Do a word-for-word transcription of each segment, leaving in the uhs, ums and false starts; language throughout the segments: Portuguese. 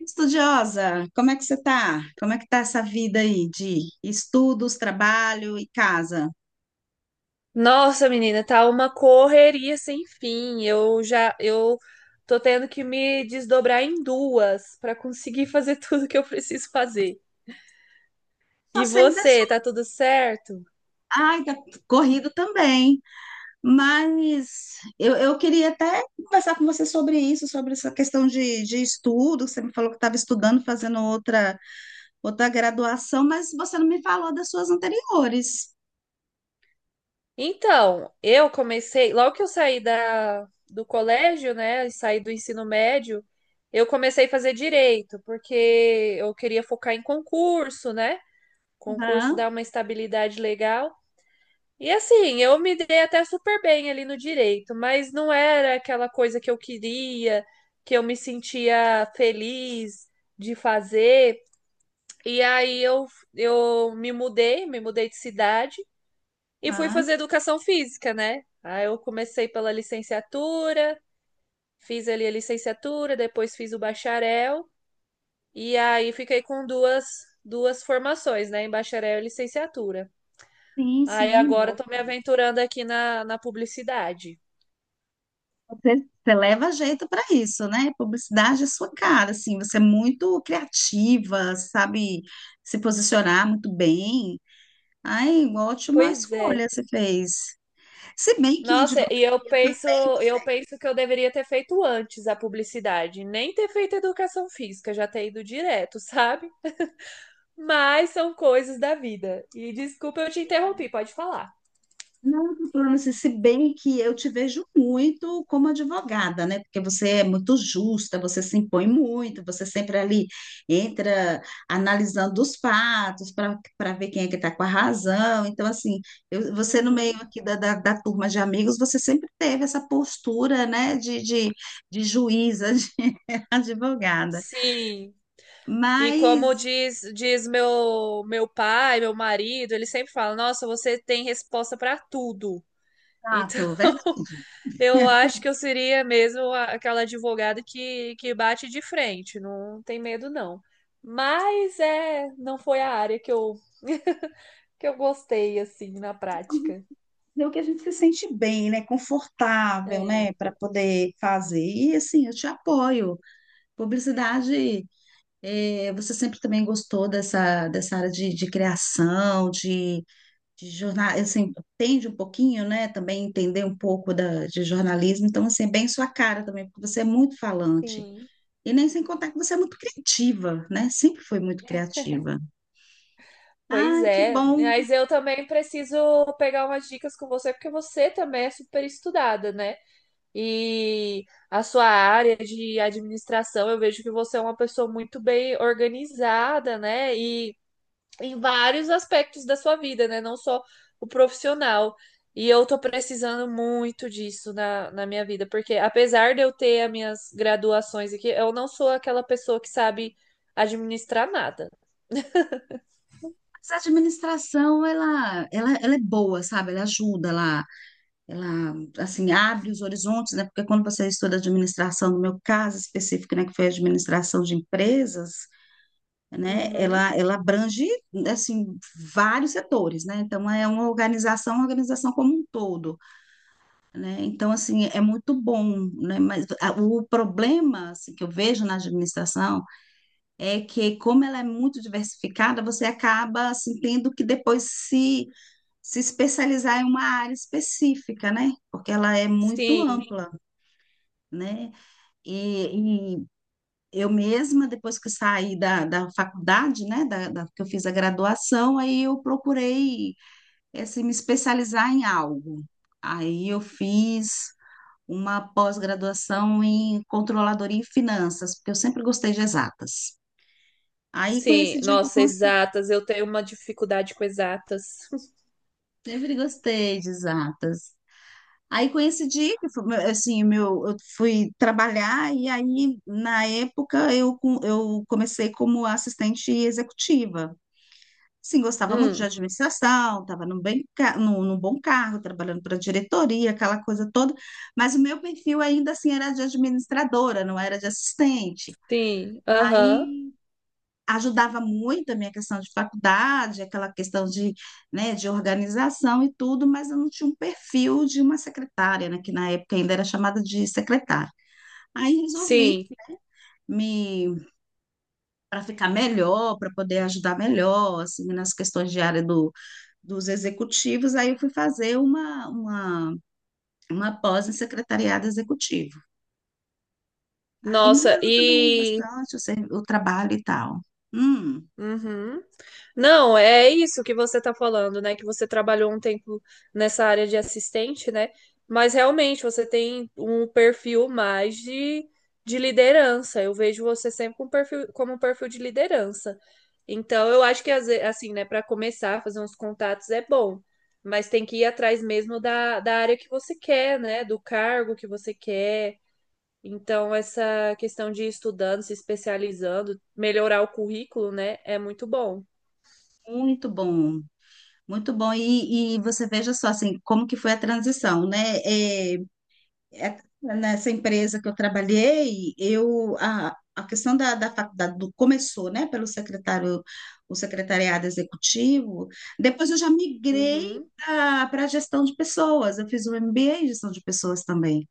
Estudiosa, como é que você tá? Como é que tá essa vida aí de estudos, trabalho e casa? Nossa, menina, tá uma correria sem fim. Eu já, eu tô tendo que me desdobrar em duas para conseguir fazer tudo que eu preciso fazer. Só E sei você, das... tá tudo certo? Ai, tá corrido também, mas eu, eu queria até conversar com você sobre isso, sobre essa questão de, de estudo, você me falou que estava estudando, fazendo outra, outra graduação, mas você não me falou das suas anteriores. Então, eu comecei, logo que eu saí da, do colégio, né, e saí do ensino médio, eu comecei a fazer direito, porque eu queria focar em concurso, né? Concurso Aham, dá uma estabilidade legal. E assim, eu me dei até super bem ali no direito, mas não era aquela coisa que eu queria, que eu me sentia feliz de fazer. E aí eu, eu me mudei, me mudei de cidade e fui aham. fazer educação física, né? Aí eu comecei pela licenciatura, fiz ali a licenciatura, depois fiz o bacharel, e aí fiquei com duas, duas formações, né? Em bacharel e licenciatura. Sim, Aí sim, agora boa. tô me aventurando aqui na, na publicidade. Você, você leva jeito para isso, né? Publicidade é sua cara, assim, você é muito criativa, sabe se posicionar muito bem. Ai, ótima Pois é. escolha você fez. Se bem que em Nossa, e eu advocacia penso, também você. eu penso que eu deveria ter feito antes a publicidade, nem ter feito educação física, já ter ido direto, sabe? Mas são coisas da vida. E desculpa eu te interrompi, pode falar. Não, doutora, mas se bem que eu te vejo muito como advogada, né? Porque você é muito justa, você se impõe muito, você sempre ali entra analisando os fatos para para ver quem é que está com a razão. Então, assim, eu- você no meio Uhum. aqui da, da, da turma de amigos, você sempre teve essa postura, né, de, de, de juíza, de advogada. Sim. E como Mas, diz, diz meu, meu pai, meu marido, ele sempre fala: Nossa, você tem resposta para tudo. Então, fato, verdade. eu acho que eu seria mesmo a- aquela advogada que, que bate de frente, não tem medo não. Mas é, não foi a área que eu que eu gostei assim na prática. Fazer o que a gente se sente bem, né? Confortável, É, né? Para poder fazer. E assim, eu te apoio. Publicidade, eh, você sempre também gostou dessa, dessa área de, de criação, de, de jornal, assim, entende um pouquinho, né? Também entender um pouco da, de jornalismo. Então, assim, é bem sua cara também, porque você é muito falante. sim. E nem sem contar que você é muito criativa, né? Sempre foi muito criativa. Pois Ai, que é, bom. mas eu também preciso pegar umas dicas com você, porque você também é super estudada, né? E a sua área de administração, eu vejo que você é uma pessoa muito bem organizada, né? E em vários aspectos da sua vida, né? Não só o profissional. E eu tô precisando muito disso na, na minha vida, porque apesar de eu ter as minhas graduações aqui, eu não sou aquela pessoa que sabe administrar nada. Mas a administração, ela, ela, ela é boa, sabe? Ela ajuda lá, ela assim abre os horizontes, né? Porque quando você estuda administração, no meu caso específico, né, que foi a administração de empresas, né, Uhum. ela ela abrange assim vários setores, né? Então é uma organização, uma organização como um todo, né? Então assim é muito bom, né? Mas a- o problema assim, que eu vejo na administração é que como ela é muito diversificada, você acaba assim tendo que depois se se especializar em uma área específica, né? Porque ela é muito Sim, ampla. Né? E, e eu mesma, depois que saí da, da faculdade, né, da, da- que eu fiz a graduação, aí eu procurei assim, me especializar em algo. Aí eu fiz uma pós-graduação em controladoria e finanças, porque eu sempre gostei de exatas. Aí com sim. esse dia que eu Nossa, consegui, exatas. Eu tenho uma dificuldade com exatas. sempre gostei de exatas. Aí coincidi que foi, assim, meu, eu fui trabalhar e aí na época eu, com- eu comecei como assistente executiva. Sim, gostava muito de Hum, administração, estava num bem, ca- num, num bom cargo, trabalhando para diretoria, aquela coisa toda, mas o meu perfil ainda assim era de administradora, não era de assistente. sim. Aham. Aí ajudava muito a minha questão de faculdade, aquela questão de, né, de organização e tudo, mas eu não tinha um perfil de uma secretária, né, que na época ainda era chamada de secretária. Aí resolvi Sim. me para ficar melhor, para poder ajudar melhor, assim, nas questões de área do, dos executivos, aí eu fui fazer uma, uma, uma pós em secretariado executivo. Aí Nossa, melhorou também e bastante o, ser- o trabalho e tal. Hum, uhum. Não, é isso que você está falando, né? Que você trabalhou um tempo nessa área de assistente, né? Mas realmente você tem um perfil mais de, de liderança. Eu vejo você sempre com um perfil, como um perfil de liderança. Então, eu acho que, às ve- assim, né, para começar a fazer uns contatos é bom, mas tem que ir atrás mesmo da, da área que você quer, né? Do cargo que você quer então, essa questão de ir estudando, se especializando, melhorar o currículo, né, é muito bom. muito bom. Muito bom. E, e você veja só, assim, como que foi a transição, né? É, é- Nessa empresa que eu trabalhei, eu, a, a questão da, da faculdade do- começou, né, pelo secretário, o secretariado executivo. Depois eu já migrei Uhum. para a gestão de pessoas. Eu fiz o M B A em gestão de pessoas também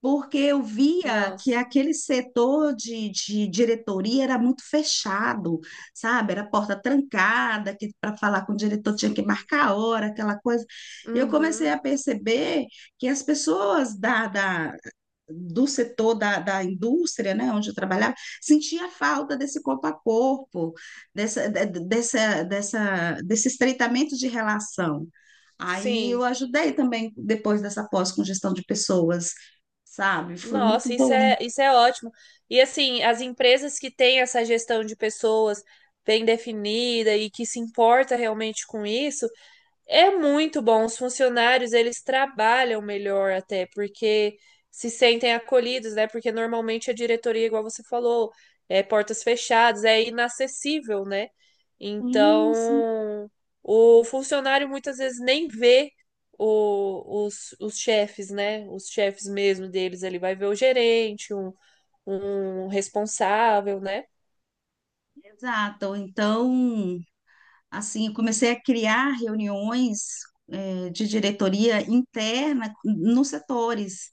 porque eu via que Nossa, aquele setor de, de diretoria era muito fechado, sabe? Era porta trancada, que para falar com o diretor tinha que sim. marcar a hora, aquela coisa. Eu comecei a Uhum. perceber que as pessoas da, da- do setor da, da indústria, né, onde eu trabalhava, sentia falta desse corpo a corpo, dessa, de- de- dessa, dessa, desse estreitamento de relação. Aí eu Sim. ajudei também depois dessa pós com gestão de pessoas, sabe? Foi muito Nossa, isso bom. é, isso é ótimo. E assim, as empresas que têm essa gestão de pessoas bem definida e que se importa realmente com isso, é muito bom. Os funcionários, eles trabalham melhor até, porque se sentem acolhidos, né? Porque normalmente a diretoria, igual você falou, é portas fechadas, é inacessível, né? Sim, sim. Então, o funcionário muitas vezes nem vê o- os, os chefes, né? Os chefes mesmo deles. Ele vai ver o gerente, um, um responsável, né? Exato. Então, assim, eu comecei a criar reuniões, eh, de diretoria interna nos setores.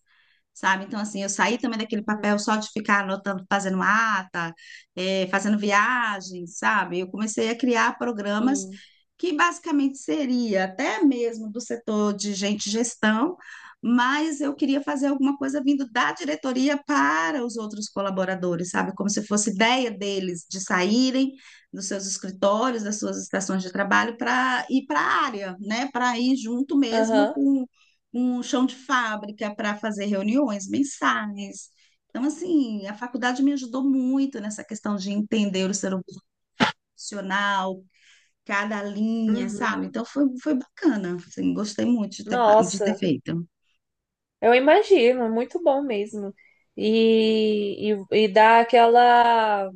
Sabe? Então, assim, eu saí também daquele Uhum. papel só de ficar anotando, fazendo ata, eh, fazendo viagem, sabe? Eu comecei a criar programas Sim. que basicamente seria até mesmo do setor de gente gestão, mas eu queria fazer alguma coisa vindo da diretoria para os outros colaboradores, sabe? Como se fosse ideia deles de saírem dos seus escritórios, das suas estações de trabalho para ir para a área, né? Para ir junto mesmo Aham. com um chão de fábrica para fazer reuniões mensais. Então, assim, a faculdade me ajudou muito nessa questão de entender o ser humano profissional, cada linha, Uhum. sabe? Então, foi, foi bacana, assim, gostei muito de ter, fa- de ter Nossa. feito. Eu imagino, é muito bom mesmo. E, e, e dá aquela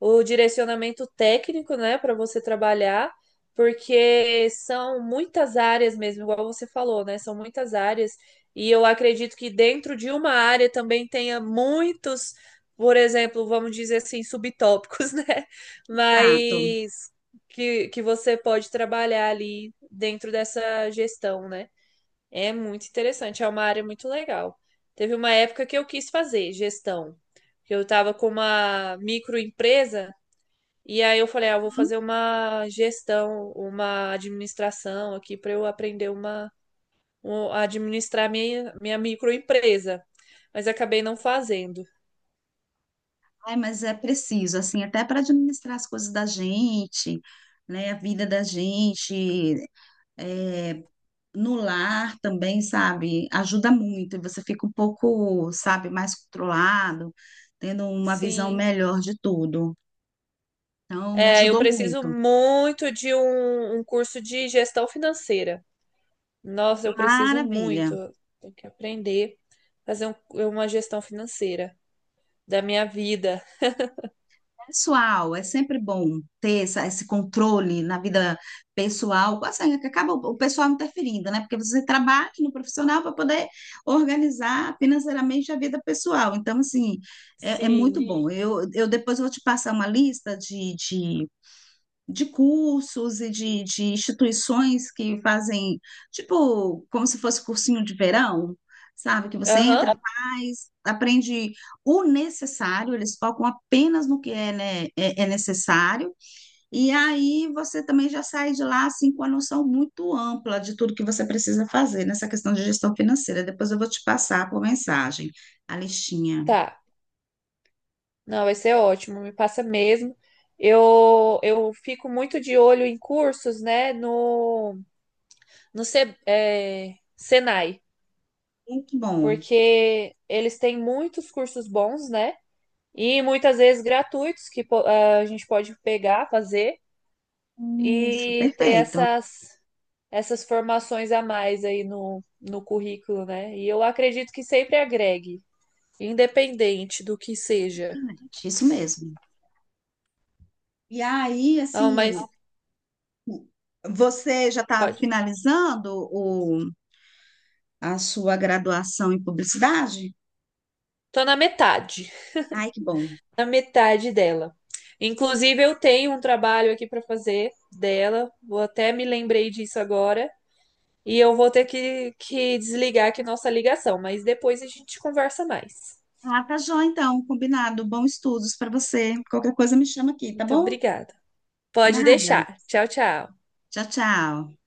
o direcionamento técnico, né, para você trabalhar, porque são muitas áreas mesmo, igual você falou, né? São muitas áreas. E eu acredito que dentro de uma área também tenha muitos, por exemplo, vamos dizer assim, subtópicos, né? Prato. Mas que, que você pode trabalhar ali dentro dessa gestão, né? É muito interessante, é uma área muito legal. Teve uma época que eu quis fazer gestão, que eu estava com uma microempresa e aí eu falei, ah, eu vou fazer uma gestão, uma administração aqui para eu aprender uma, um- a administrar minha, minha microempresa, mas acabei não fazendo. Ai, mas é preciso, assim, até para administrar as coisas da gente, né? A vida da gente, é, no lar também, sabe, ajuda muito, e você fica um pouco, sabe, mais controlado, tendo uma visão Sim, melhor de tudo. Então, me é, eu ajudou preciso muito. muito de um, um curso de gestão financeira. Nossa, eu preciso Maravilha. muito, tenho que aprender a fazer um- uma gestão financeira da minha vida. Pessoal, é sempre bom ter essa, esse controle na vida pessoal, assim, é que acaba o o pessoal interferindo, né? Porque você trabalha no profissional para poder organizar financeiramente a vida pessoal. Então, assim, é, é muito Sim. bom. Eu, eu depois vou te passar uma lista de, de de cursos e de, de instituições que fazem, tipo, como se fosse cursinho de verão, sabe? Que você Aham, entra, faz, aprende o necessário, eles focam apenas no que é, né, é, é necessário, e aí você também já sai de lá, assim, com a noção muito ampla de tudo que você precisa fazer nessa questão de gestão financeira. Depois eu vou te passar por mensagem a listinha. tá. Não, vai ser ótimo, me passa mesmo. Eu, eu fico muito de olho em cursos, né, no, no Se- é, Senai, Muito bom. porque eles têm muitos cursos bons, né, e muitas vezes gratuitos que po- a gente pode pegar, fazer Isso, e ter perfeito. essas, essas formações a mais aí no, no currículo, né, e eu acredito que sempre agregue, independente do que seja. Excelente, isso mesmo. E aí, Não, assim, mas você já está pode. finalizando o, a sua graduação em publicidade? Tô na metade, Ai, que bom. na metade dela. Inclusive, eu tenho um trabalho aqui para fazer dela. Vou até me lembrei disso agora. E eu vou ter que, que desligar aqui nossa ligação, mas depois a gente conversa mais. Ah, tá joia, então, combinado. Bons estudos para você. Qualquer coisa me chama aqui, tá Muito bom? obrigada. Pode Nada. deixar. Tchau, tchau. Tchau, tchau.